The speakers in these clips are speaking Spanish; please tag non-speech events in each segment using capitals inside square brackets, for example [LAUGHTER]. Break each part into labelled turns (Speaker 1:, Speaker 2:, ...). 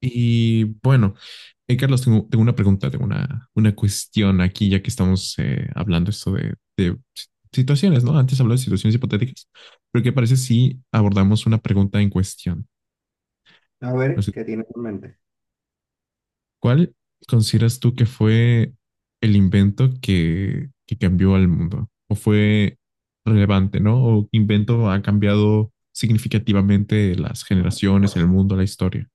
Speaker 1: Y bueno, Carlos, tengo una pregunta, tengo una cuestión aquí, ya que estamos hablando esto de situaciones, ¿no? Antes hablamos de situaciones hipotéticas, pero ¿qué parece si abordamos una pregunta en cuestión?
Speaker 2: A
Speaker 1: No
Speaker 2: ver,
Speaker 1: sé,
Speaker 2: ¿qué tienes en mente?
Speaker 1: ¿cuál consideras tú que fue el invento que cambió al mundo? ¿O fue relevante, ¿no? ¿O qué invento ha cambiado significativamente las generaciones, el mundo, la historia?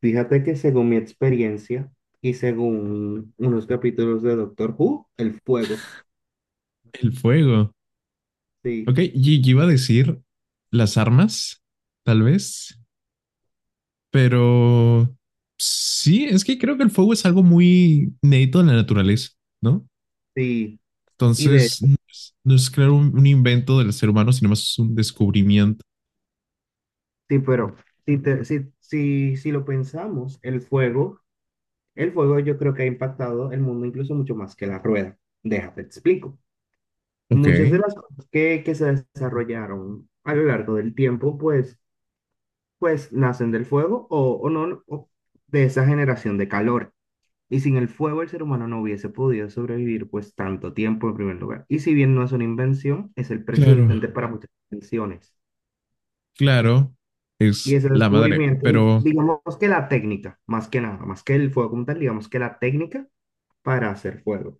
Speaker 2: Fíjate que según mi experiencia y según unos capítulos de Doctor Who, el fuego.
Speaker 1: El fuego.
Speaker 2: Sí,
Speaker 1: Ok, y yo iba a decir las armas, tal vez, pero sí, es que creo que el fuego es algo muy neto en la naturaleza, ¿no?
Speaker 2: sí. Y de
Speaker 1: Entonces,
Speaker 2: hecho,
Speaker 1: no es claro un invento del ser humano, sino más un descubrimiento.
Speaker 2: sí, pero si lo pensamos, el fuego yo creo que ha impactado el mundo incluso mucho más que la rueda. Déjate, te explico.
Speaker 1: Ok.
Speaker 2: Muchas de las cosas que se desarrollaron a lo largo del tiempo, pues, pues nacen del fuego o no, o de esa generación de calor. Y sin el fuego el ser humano no hubiese podido sobrevivir pues tanto tiempo en primer lugar. Y si bien no es una invención, es el precedente
Speaker 1: Claro.
Speaker 2: para muchas invenciones.
Speaker 1: Claro,
Speaker 2: Y
Speaker 1: es
Speaker 2: ese
Speaker 1: la madre,
Speaker 2: descubrimiento,
Speaker 1: pero
Speaker 2: digamos que la técnica, más que nada, más que el fuego como tal, digamos que la técnica para hacer fuego.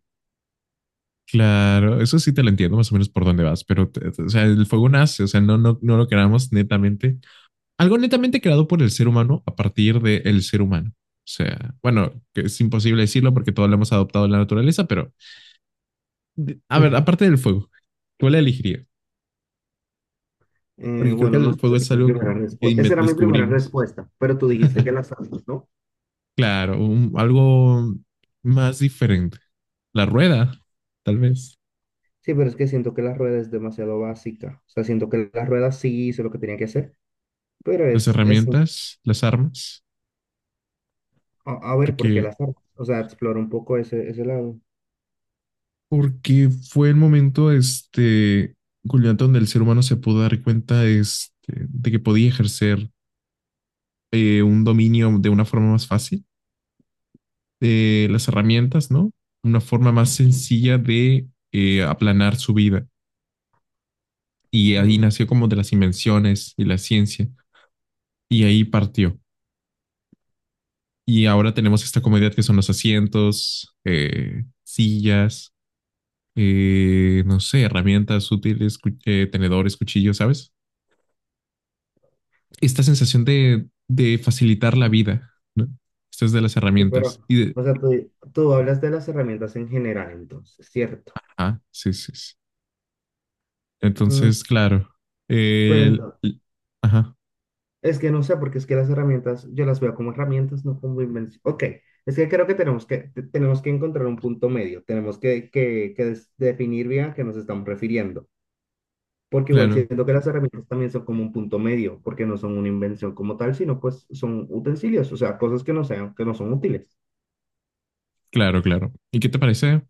Speaker 1: claro, eso sí te lo entiendo más o menos por dónde vas, pero o sea, el fuego nace, o sea, no lo queramos netamente algo netamente creado por el ser humano a partir del ser humano. O sea, bueno, que es imposible decirlo porque todos lo hemos adoptado en la naturaleza, pero a ver, aparte del fuego, ¿cuál la elegiría? Porque creo que
Speaker 2: Bueno, no
Speaker 1: el
Speaker 2: sé,
Speaker 1: fuego
Speaker 2: esa era
Speaker 1: es
Speaker 2: mi
Speaker 1: algo
Speaker 2: primera
Speaker 1: que
Speaker 2: respuesta. Esa era mi primera
Speaker 1: descubrimos.
Speaker 2: respuesta, pero tú dijiste que las sabes, ¿no?
Speaker 1: Claro, un, algo más diferente. La rueda, tal vez.
Speaker 2: Sí, pero es que siento que la rueda es demasiado básica. O sea, siento que la rueda sí hizo lo que tenía que hacer, pero
Speaker 1: Las
Speaker 2: es, es
Speaker 1: herramientas, las armas.
Speaker 2: a, a ver porque
Speaker 1: Porque,
Speaker 2: las armas. O sea, explora un poco ese, ese lado.
Speaker 1: porque fue el momento, este, culminante donde el ser humano se pudo dar cuenta este, de que podía ejercer un dominio de una forma más fácil de las herramientas, ¿no? Una forma más sencilla de aplanar su vida. Y ahí
Speaker 2: Mm.
Speaker 1: nació como de las invenciones y la ciencia. Y ahí partió. Y ahora tenemos esta comodidad que son los asientos, sillas, no sé, herramientas útiles, tenedores, cuchillos, ¿sabes? Esta sensación de facilitar la vida, ¿no? Esto es de las
Speaker 2: Sí,
Speaker 1: herramientas.
Speaker 2: pero,
Speaker 1: Y de...
Speaker 2: o sea, tú hablas de las herramientas en general, entonces, ¿cierto?
Speaker 1: Ah, sí, sí, sí.
Speaker 2: Mm,
Speaker 1: Entonces, claro.
Speaker 2: pero
Speaker 1: El,
Speaker 2: entonces,
Speaker 1: el- ajá,
Speaker 2: es que no sé, porque es que las herramientas, yo las veo como herramientas, no como invención. Ok, es que creo que tenemos que encontrar un punto medio, tenemos que definir bien a qué nos estamos refiriendo, porque igual
Speaker 1: claro,
Speaker 2: siento que las herramientas también son como un punto medio, porque no son una invención como tal, sino pues son utensilios, o sea, cosas que no sean, que no son útiles.
Speaker 1: claro, claro. ¿Y qué te parece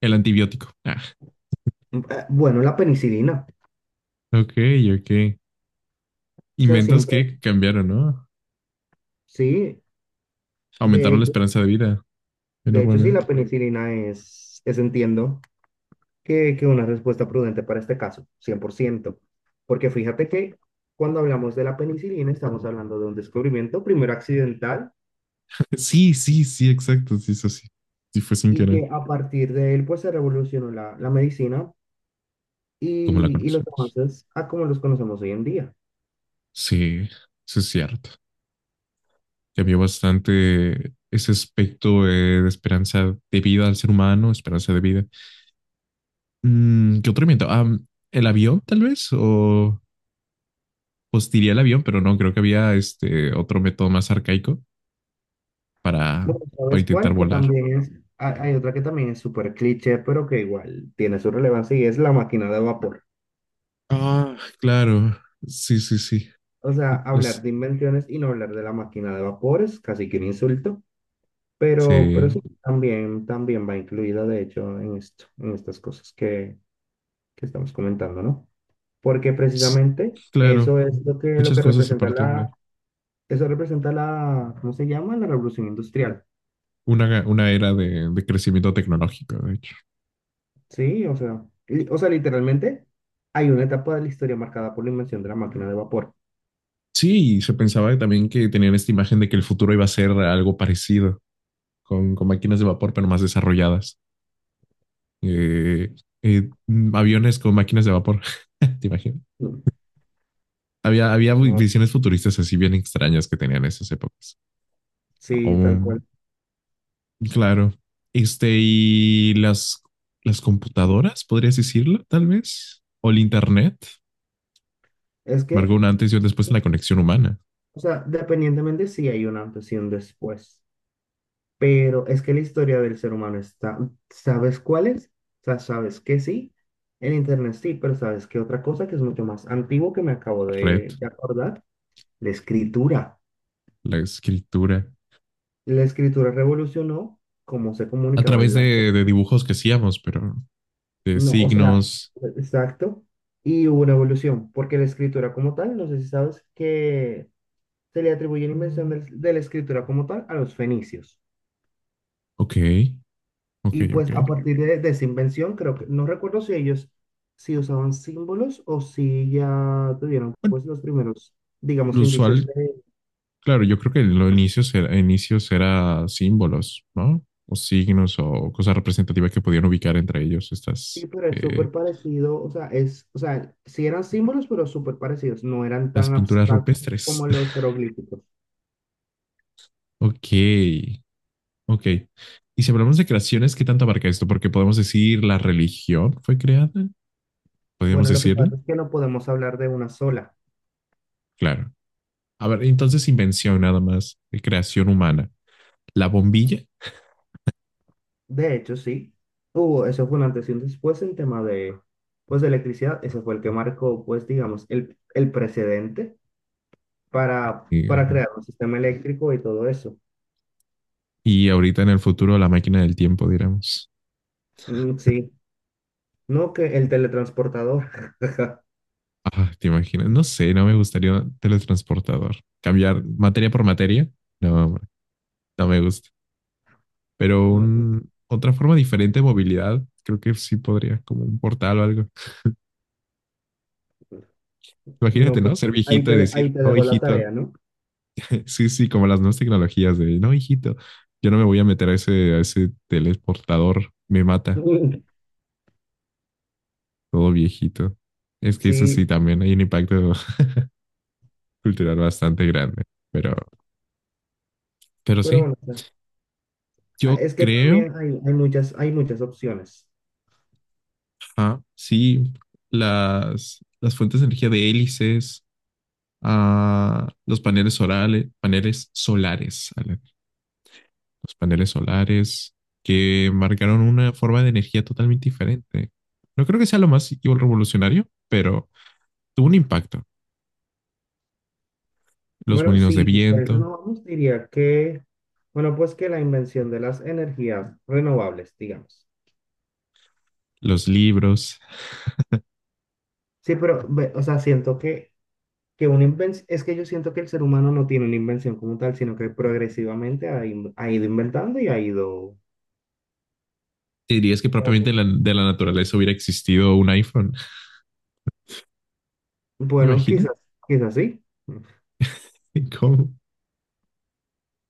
Speaker 1: el antibiótico? [LAUGHS]
Speaker 2: Bueno, la penicilina,
Speaker 1: Ah, ok, ok.
Speaker 2: o sea,
Speaker 1: Inventos
Speaker 2: siempre,
Speaker 1: que cambiaron, ¿no?
Speaker 2: sí. De
Speaker 1: Aumentaron la
Speaker 2: hecho,
Speaker 1: esperanza de vida
Speaker 2: de hecho, sí, la
Speaker 1: enormemente.
Speaker 2: penicilina es, entiendo que una respuesta prudente para este caso, cien por ciento. Porque fíjate que cuando hablamos de la penicilina, estamos hablando de un descubrimiento primero accidental
Speaker 1: [LAUGHS] Sí, sí, sí, exacto, sí, eso sí. Sí fue sin
Speaker 2: y
Speaker 1: querer,
Speaker 2: que a partir de él, pues se revolucionó la, la medicina
Speaker 1: como la
Speaker 2: y los
Speaker 1: conocemos.
Speaker 2: avances a como los conocemos hoy en día.
Speaker 1: Sí, eso es cierto. Cambió bastante ese aspecto de esperanza de vida al ser humano, esperanza de vida. Mm, ¿qué otro invento? Ah, ¿el avión, tal vez? ¿O pues tiré el avión, pero no, creo que había este otro método más arcaico para,
Speaker 2: Bueno,
Speaker 1: para
Speaker 2: ¿sabes
Speaker 1: intentar
Speaker 2: cuál? Que
Speaker 1: volar.
Speaker 2: también es, hay otra que también es súper cliché, pero que igual tiene su relevancia y es la máquina de vapor.
Speaker 1: Ah, claro. Sí, sí, sí.
Speaker 2: O sea, hablar
Speaker 1: Los,
Speaker 2: de invenciones y no hablar de la máquina de vapores, casi que un insulto, pero
Speaker 1: sí.
Speaker 2: sí, también, también va incluida, de hecho, en esto, en estas cosas que estamos comentando, ¿no? Porque
Speaker 1: S-
Speaker 2: precisamente eso
Speaker 1: Claro.
Speaker 2: es lo
Speaker 1: Muchas
Speaker 2: que
Speaker 1: cosas se
Speaker 2: representa
Speaker 1: partían de
Speaker 2: la,
Speaker 1: ahí.
Speaker 2: eso representa la, ¿cómo se llama? La revolución industrial,
Speaker 1: Una era de crecimiento tecnológico, de hecho.
Speaker 2: ¿sí? O sea, li- o sea, literalmente hay una etapa de la historia marcada por la invención de la máquina de vapor.
Speaker 1: Sí, y se pensaba también que tenían esta imagen de que el futuro iba a ser algo parecido, con máquinas de vapor, pero más desarrolladas. Eh, aviones con máquinas de vapor, [LAUGHS] ¿te imaginas?
Speaker 2: Mm.
Speaker 1: Había, había
Speaker 2: No,
Speaker 1: visiones futuristas así bien extrañas que tenían esas épocas.
Speaker 2: sí, tal
Speaker 1: Oh,
Speaker 2: cual.
Speaker 1: claro. Este, y las computadoras, podrías decirlo, tal vez, o el Internet,
Speaker 2: Es
Speaker 1: marcó
Speaker 2: que,
Speaker 1: un antes y un después en la conexión humana,
Speaker 2: o sea, dependientemente si hay un antes y un después. Pero es que la historia del ser humano está, ¿sabes cuál es? O sea, sabes que sí, en internet sí, pero sabes que otra cosa que es mucho más antiguo que me acabo de,
Speaker 1: red,
Speaker 2: de acordar, la escritura.
Speaker 1: la escritura,
Speaker 2: La escritura revolucionó cómo se
Speaker 1: a
Speaker 2: comunicaban
Speaker 1: través
Speaker 2: las
Speaker 1: de
Speaker 2: personas.
Speaker 1: dibujos que hacíamos, pero de
Speaker 2: No, o sea,
Speaker 1: signos.
Speaker 2: exacto. Y hubo una evolución, porque la escritura como tal, no sé si sabes que se le atribuye la invención del- de la escritura como tal a los fenicios.
Speaker 1: Ok, ok,
Speaker 2: Y
Speaker 1: ok.
Speaker 2: pues a partir de esa invención, creo que, no recuerdo si ellos si usaban símbolos o si ya tuvieron
Speaker 1: Bueno,
Speaker 2: pues los primeros, digamos,
Speaker 1: lo
Speaker 2: indicios
Speaker 1: usual
Speaker 2: de...
Speaker 1: claro, yo creo que en los inicios era símbolos, ¿no? O signos o cosas representativas que podían ubicar entre ellos
Speaker 2: Sí,
Speaker 1: estas
Speaker 2: pero es súper parecido, o sea, es, o sea, sí eran símbolos, pero súper parecidos, no eran
Speaker 1: las
Speaker 2: tan
Speaker 1: pinturas
Speaker 2: abstractos
Speaker 1: rupestres.
Speaker 2: como los
Speaker 1: [LAUGHS]
Speaker 2: jeroglíficos.
Speaker 1: Ok, ok. Y si hablamos de creaciones, ¿qué tanto abarca esto? Porque podemos decir la religión fue creada, podríamos
Speaker 2: Bueno, lo que
Speaker 1: decirlo.
Speaker 2: pasa es que no podemos hablar de una sola.
Speaker 1: Claro. A ver, entonces invención nada más, creación humana, la bombilla
Speaker 2: De hecho, sí, hubo, eso fue un antes y un después en tema de, pues, de electricidad, ese fue el que marcó, pues, digamos, el precedente
Speaker 1: y,
Speaker 2: para
Speaker 1: eh,
Speaker 2: crear un sistema eléctrico y todo eso.
Speaker 1: y ahorita en el futuro la máquina del tiempo, diríamos.
Speaker 2: Mm, sí, no que el teletransportador. [LAUGHS]
Speaker 1: Ah, te imaginas, no sé, no me gustaría un teletransportador. Cambiar materia por materia, no, no me gusta. Pero
Speaker 2: No,
Speaker 1: un, otra forma diferente de movilidad, creo que sí podría, como un portal o algo.
Speaker 2: no,
Speaker 1: Imagínate,
Speaker 2: pues
Speaker 1: ¿no? Ser viejito y decir,
Speaker 2: ahí te
Speaker 1: no,
Speaker 2: dejo la
Speaker 1: hijito. [LAUGHS]
Speaker 2: tarea, ¿no?
Speaker 1: Sí, sí, como las nuevas tecnologías de, no, hijito, yo no me voy a meter a ese teleportador, me mata,
Speaker 2: [LAUGHS]
Speaker 1: todo viejito. Es que eso sí,
Speaker 2: Sí,
Speaker 1: también hay un impacto [LAUGHS] cultural bastante grande, pero, pero
Speaker 2: pero
Speaker 1: sí,
Speaker 2: bueno, o sea, ah,
Speaker 1: yo
Speaker 2: es que
Speaker 1: creo
Speaker 2: también hay, hay muchas opciones.
Speaker 1: ah, sí, las fuentes de energía de hélices, ah, los paneles orales, paneles solares, Ale, los paneles solares que marcaron una forma de energía totalmente diferente. No creo que sea lo más revolucionario, pero tuvo un impacto. Los
Speaker 2: Bueno,
Speaker 1: molinos de
Speaker 2: sí, si
Speaker 1: viento,
Speaker 2: renovamos, diría que, bueno, pues que la invención de las energías renovables, digamos.
Speaker 1: los libros.
Speaker 2: Sí, pero, ve, o sea, siento que una invención, es que yo siento que el ser humano no tiene una invención como tal, sino que progresivamente ha, in- ha ido inventando y ha ido,
Speaker 1: ¿Te dirías que
Speaker 2: ¿cómo
Speaker 1: propiamente
Speaker 2: que?
Speaker 1: de la naturaleza hubiera existido un iPhone? [LAUGHS]
Speaker 2: Bueno,
Speaker 1: ¿Imagina?
Speaker 2: quizás, quizás sí.
Speaker 1: ¿Cómo?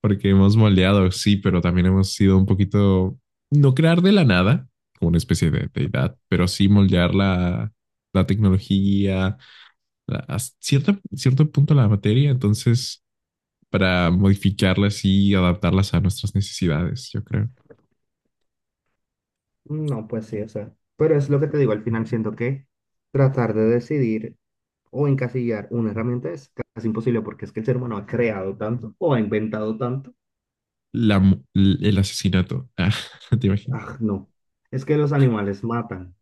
Speaker 1: Porque hemos moldeado, sí, pero también hemos sido un poquito, no crear de la nada, como una especie de deidad, pero sí moldear la tecnología, a cierta, cierto punto la materia, entonces, para modificarlas y adaptarlas a nuestras necesidades, yo creo.
Speaker 2: No, pues sí, o sea, pero es lo que te digo, al final siento que tratar de decidir o encasillar una herramienta es casi imposible porque es que el ser humano ha creado tanto o ha inventado tanto.
Speaker 1: La, el asesinato, [LAUGHS] ah, ¿te imaginas?
Speaker 2: Ah, no, es que los animales matan,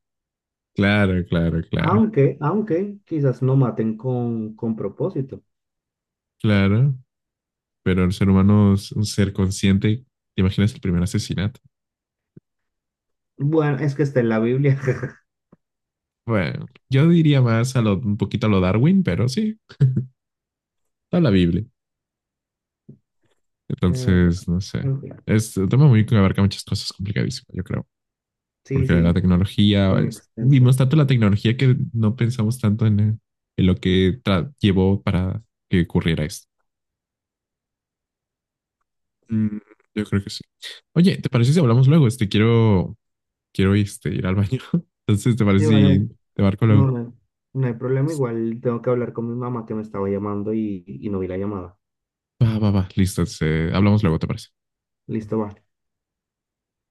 Speaker 1: Claro, claro, claro,
Speaker 2: aunque, aunque quizás no maten con propósito.
Speaker 1: claro, pero el ser humano es un ser consciente, ¿te imaginas el primer asesinato?
Speaker 2: Bueno, es que está en la Biblia. [LAUGHS]
Speaker 1: Bueno, yo diría más a lo, un poquito a lo Darwin, pero sí, está la Biblia.
Speaker 2: Eh,
Speaker 1: Entonces, no sé.
Speaker 2: en fin.
Speaker 1: Es un tema muy que abarca muchas cosas complicadísimas, yo creo.
Speaker 2: Sí,
Speaker 1: Porque la
Speaker 2: sí,
Speaker 1: tecnología,
Speaker 2: bien
Speaker 1: es-
Speaker 2: extenso.
Speaker 1: vimos tanto la tecnología que no pensamos tanto en lo que tra- llevó para que ocurriera esto. Mm, yo creo que sí. Oye, ¿te parece si hablamos luego? Este, quiero, quiero este, ir al baño. [LAUGHS] Entonces, ¿te
Speaker 2: Sí,
Speaker 1: parece
Speaker 2: vale,
Speaker 1: si te marco
Speaker 2: no,
Speaker 1: luego?
Speaker 2: no, no hay problema. Igual tengo que hablar con mi mamá que me estaba llamando y no vi la llamada.
Speaker 1: Va, va, va. Listo. Entonces, hablamos luego, ¿te parece?
Speaker 2: Listo, va.